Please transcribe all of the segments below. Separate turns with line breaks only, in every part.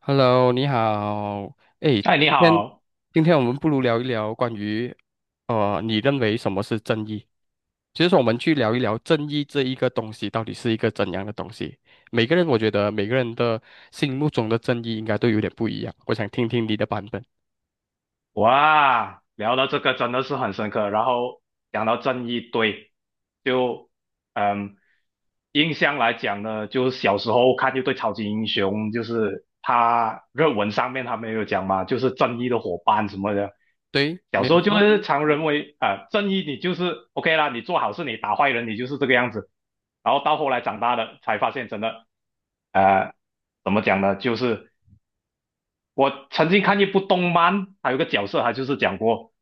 Hello，你好。哎，
哎，你
今天
好。
我们不如聊一聊关于，你认为什么是正义？其实说我们去聊一聊正义这一个东西到底是一个怎样的东西。每个人，我觉得每个人的心目中的正义应该都有点不一样。我想听听你的版本。
哇，聊到这个真的是很深刻，然后讲到正义，对，就嗯，印象来讲呢，就是小时候看一对超级英雄，就是他热文上面他们有讲嘛，就是正义的伙伴什么的，
对，
小
没
时
有
候就
错。
是常认为正义你就是 OK 啦，你做好事，你打坏人，你就是这个样子，然后到后来长大了才发现，真的呃，怎么讲呢，就是。我曾经看一部动漫，还有一个角色，他就是讲过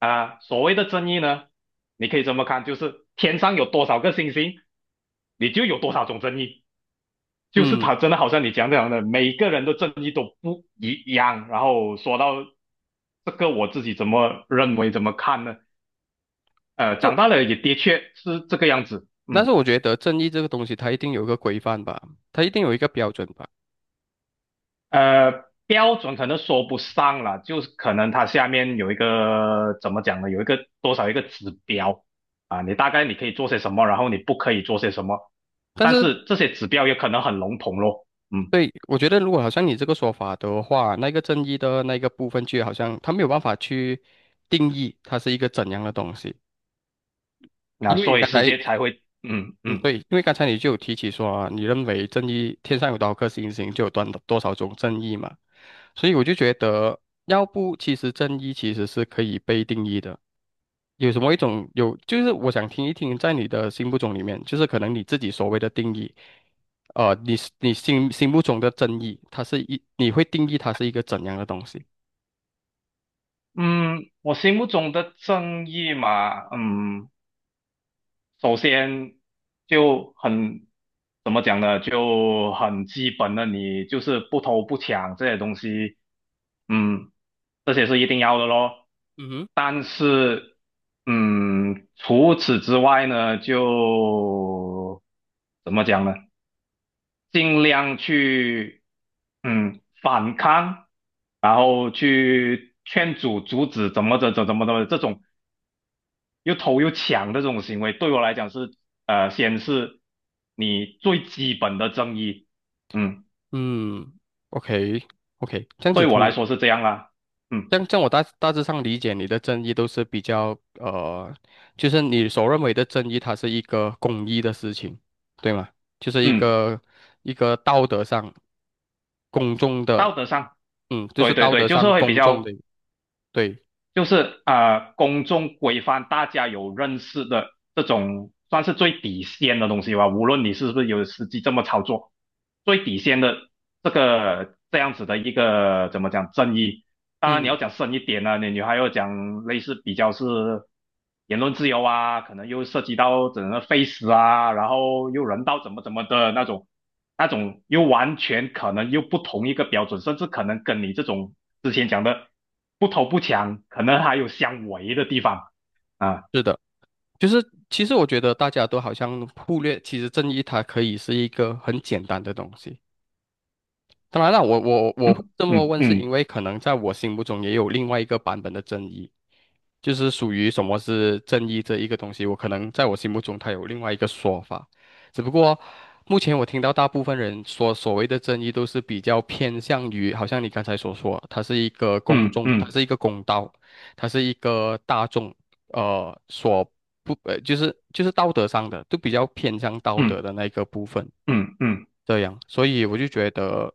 所谓的正义呢，你可以这么看，就是天上有多少个星星，你就有多少种正义。就是
嗯，
他真的好像你讲这样的，每个人的正义都不一样。然后说到这个，我自己怎么认为，怎么看呢？
都，
长大了也的确是这个样子，
但是
嗯。
我觉得正义这个东西它一定有一个规范吧，它一定有一个标准吧。
标准可能说不上了，就是可能它下面有一个怎么讲呢？有一个多少一个指标啊，你大概你可以做些什么，然后你不可以做些什么，
但
但
是
是这些指标也可能很笼统咯，嗯，
对，我觉得如果好像你这个说法的话，那个正义的那个部分就好像他没有办法去定义它是一个怎样的东西，
那
因为
所以
刚
世
才
界才会，
嗯，对，因为刚才你就有提起说啊，你认为正义天上有多少颗星星，就有多多少种正义嘛，所以我就觉得，要不其实正义其实是可以被定义的。有什么一种有，就是我想听一听，在你的心目中里面，就是可能你自己所谓的定义，呃，你你心目中的正义，它是一，你会定义它是一个怎样的东西？
嗯，我心目中的正义嘛，嗯。首先就很怎么讲呢，就很基本的，你就是不偷不抢这些东西，嗯，这些是一定要的咯。
嗯哼。
但是，嗯，除此之外呢，就怎么讲呢，尽量去反抗，然后去劝阻、阻止，怎么着、怎怎么怎么这种。又偷又抢的这种行为，对我来讲是先是你最基本的正义，嗯，
嗯，OK OK，这样子
对我
听
来
你。
说是这样啦，嗯
这样我大致上理解你的正义都是比较就是你所认为的正义，它是一个公益的事情，对吗？就是一
嗯，
个道德上公众的，
道德上，
嗯，就是
对对
道
对，
德
就
上
是会比
公众的，
较，
对，
就是公众规范大家有认识的这种，算是最底线的东西吧，无论你是不是有实际这么操作，最底线的这个这样子的一个怎么讲正义。当然你要
嗯，
讲深一点呢啊，你还要讲类似比较是言论自由啊，可能又涉及到整个 face 啊，然后又人道怎么怎么的那种，那种又完全可能又不同一个标准，甚至可能跟你这种之前讲的不偷不抢，可能还有相违的地方啊，
是的。就是其实我觉得大家都好像忽略，其实正义它可以是一个很简单的东西。当然了，我这么问，是
嗯
因为可能在我心目中也有另外一个版本的正义，就是属于什么是正义这一个东西，我可能在我心目中它有另外一个说法，只不过目前我听到大部分人说所谓的正义都是比较偏向于，好像你刚才所说，它是一个公
嗯
众，
嗯
它
嗯
是一个公道，它是一个大众呃所不呃，就是道德上的，都比较偏向道德
嗯
的那个部分，
嗯嗯。嗯嗯
这样，所以我就觉得，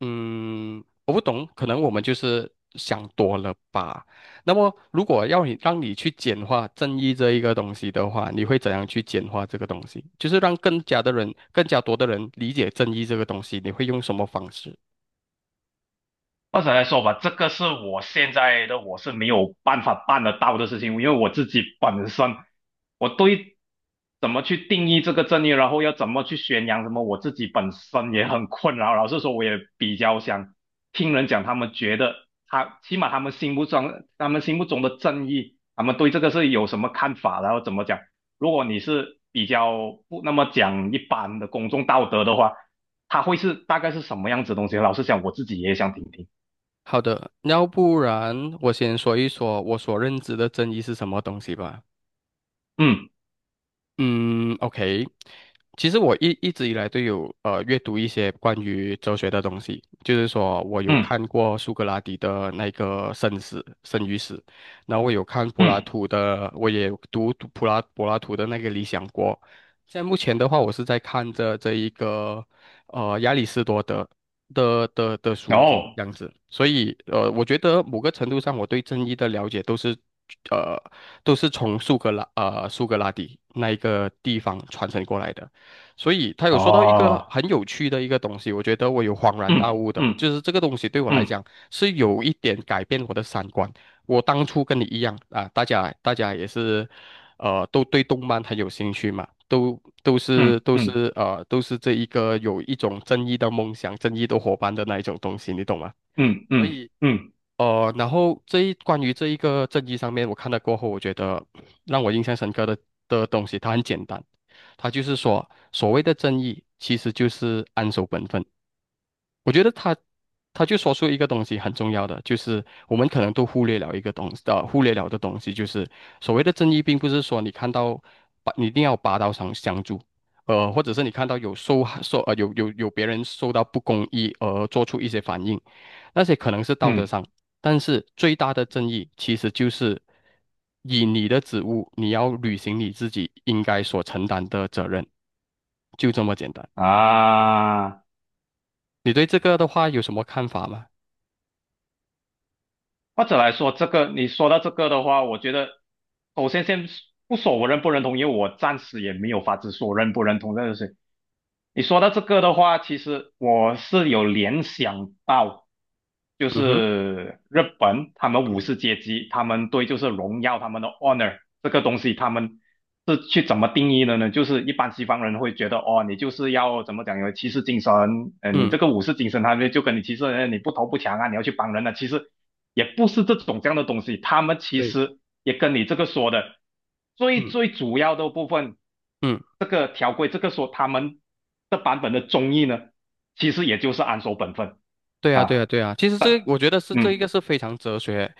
嗯，我不懂，可能我们就是想多了吧。那么，如果要你让你去简化正义这一个东西的话，你会怎样去简化这个东西？就是让更加的人、更加多的人理解正义这个东西，你会用什么方式？
或者来说吧，这个是我现在的我是没有办法办得到的事情，因为我自己本身我对怎么去定义这个正义，然后要怎么去宣扬什么，我自己本身也很困扰。老实说，我也比较想听人讲，他们觉得他起码他们心目中的正义，他们对这个是有什么看法，然后怎么讲。如果你是比较不那么讲一般的公众道德的话，他会是大概是什么样子的东西？老实讲，我自己也想听听。
好的，要不然我先说一说我所认知的正义是什么东西吧。
嗯
嗯，OK，其实我一直以来都有阅读一些关于哲学的东西，就是说我有
嗯
看过苏格拉底的那个《生死》《生与死》，然后我有看柏拉
嗯，
图的，我也读柏拉柏拉图的那个《理想国》，现在目前的话，我是在看着这一个亚里士多德的书籍
哦，
这样子，所以我觉得某个程度上，我对正义的了解都是呃都是从苏格拉底那一个地方传承过来的，所以他有说到一个
哦，
很有趣的一个东西，我觉得我有恍然大
嗯
悟的，
嗯
就是这个东西对我来
嗯
讲是有一点改变我的三观。我当初跟你一样啊，大家也是。呃，都对动漫很有兴趣嘛，
嗯
都
嗯
是都是这一个有一种正义的梦想、正义的伙伴的那一种东西，你懂吗？
嗯
所
嗯
以
嗯
然后关于这一个正义上面，我看了过后，我觉得让我印象深刻的东西，它很简单，它就是说所谓的正义其实就是安守本分。我觉得他就说出一个东西很重要的，就是我们可能都忽略了一个东西，忽略了的东西，就是所谓的正义，并不是说你看到你一定要拔刀上相助，呃，或者是你看到有受害受呃有别人受到不公义而做出一些反应，那些可能是道德
嗯
上，但是最大的正义其实就是以你的职务，你要履行你自己应该所承担的责任，就这么简单。
啊，
你对这个的话有什么看法吗？
或者来说，这个你说到这个的话，我觉得首先先不说我认不认同，因为我暂时也没有法子说认不认同这个事情。你说到这个的话，其实我是有联想到，就
嗯哼。
是日本他们武士阶级，他们对就是荣耀他们的 honor 这个东西，他们是去怎么定义的呢？就是一般西方人会觉得，哦，你就是要怎么讲，有骑士精神，你
嗯
这个武士精神，他们就跟你骑士，你不投不抢啊，你要去帮人啊，其实也不是这种这样的东西，他们其
对，
实也跟你这个说的最
嗯
最主要的部分。
嗯，
这个条规，这个说他们的版本的中译呢，其实也就是安守本分
对啊对
啊，
啊对啊，其实这个我觉得是这一个
嗯
是非常哲学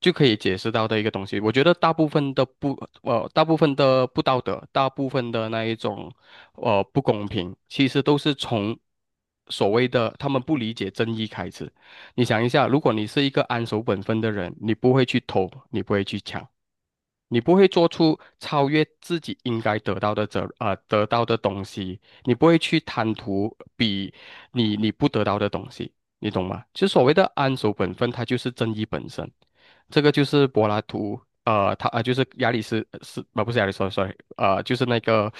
就可以解释到的一个东西。我觉得大部分的不道德，大部分的那一种不公平，其实都是从所谓的他们不理解正义开始。你想一下，如果你是一个安守本分的人，你不会去偷，你不会去抢。你不会做出超越自己应该得到的得到的东西，你不会去贪图比你不得到的东西，你懂吗？其实所谓的安守本分，它就是正义本身。这个就是柏拉图，就是亚里士是呃不是亚里士多，sorry，呃就是那个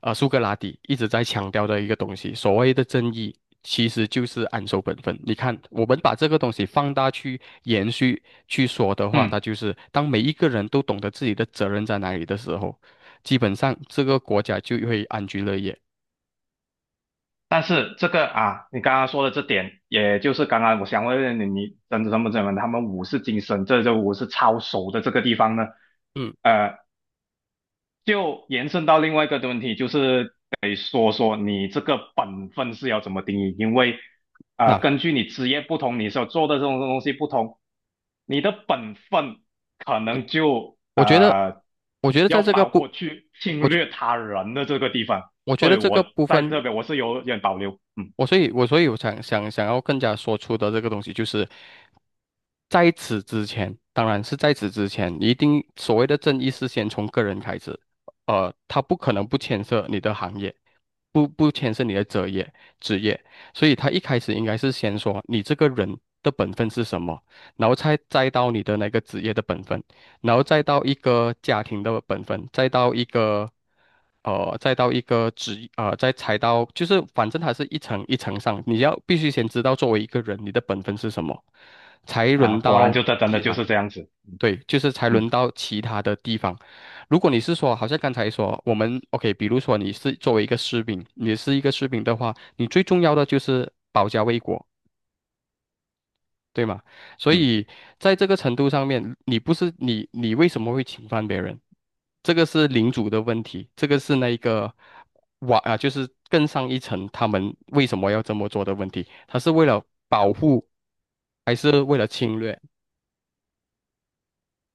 苏格拉底一直在强调的一个东西，所谓的正义其实就是安守本分。你看，我们把这个东西放大去去说的话，它
嗯。
就是当每一个人都懂得自己的责任在哪里的时候，基本上这个国家就会安居乐业。
但是这个啊，你刚刚说的这点，也就是刚刚我想问你，你真的怎么怎么，他们武士精神，这就武士操守的这个地方呢？
嗯，
呃，就延伸到另外一个的问题，就是得说说你这个本分是要怎么定义，因为
那
根据你职业不同，你所做的这种东西不同，你的本分可能就
我觉得，
呃
我觉得在
要
这个
包括
部，
去
我
侵
觉
略他人的这个地方，
我觉
所
得
以
这
我
个部
在
分。
这边我是有点保留，嗯
我所以我想要更加说出的这个东西，就是在此之前，当然是在此之前，一定所谓的正义是先从个人开始，呃，他不可能不牵涉你的行业，不牵涉你的职业，所以他一开始应该是先说你这个人的本分是什么，然后才再到你的那个职业的本分。然后再到一个家庭的本分，再到一个，呃，再到一个职，呃，再踩到，就是反正它是一层一层上，你要必须先知道作为一个人你的本分是什么，才
啊，
轮
果
到
然就这真的
其
就
他，
是这样子，
对，就是才轮
嗯
到其他的地方。如果你是说，好像刚才说我们 OK，比如说你是作为一个士兵，你是一个士兵的话，你最重要的就是保家卫国。对吗？所
嗯
以在这个程度上面，你不是你，你为什么会侵犯别人？这个是领主的问题，这个是那一个瓦啊，就是更上一层，他们为什么要这么做的问题？他是为了保护，还是为了侵略？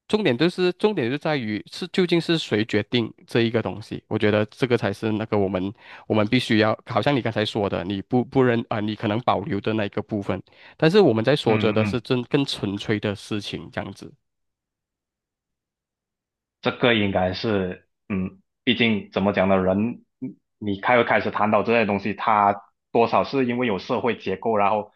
重点就是重点就在于是究竟是谁决定这一个东西，我觉得这个才是那个我们必须要，好像你刚才说的，你不不认啊、你可能保留的那一个部分，但是我们在说着
嗯
的是
嗯。
真更纯粹的事情这样子。
这个应该是，嗯，毕竟怎么讲呢，人你开始谈到这些东西，它多少是因为有社会结构，然后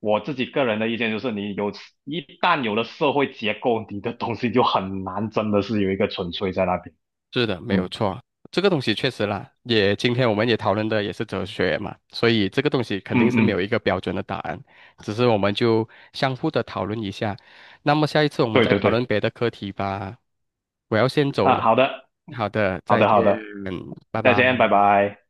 我自己个人的意见就是，一旦有了社会结构，你的东西就很难真的是有一个纯粹在那边。
是的，没有
嗯
错，这个东西确实啦，也今天我们也讨论的也是哲学嘛，所以这个东西肯定
嗯
是没有
嗯，
一个标准的答案，只是我们就相互的讨论一下。那么下一次我们
对
再
对
讨
对，
论别的课题吧。我要先走
啊，
了，
好的，
好的，
好
再
的
见，
好的，
拜
再
拜。
见，拜拜。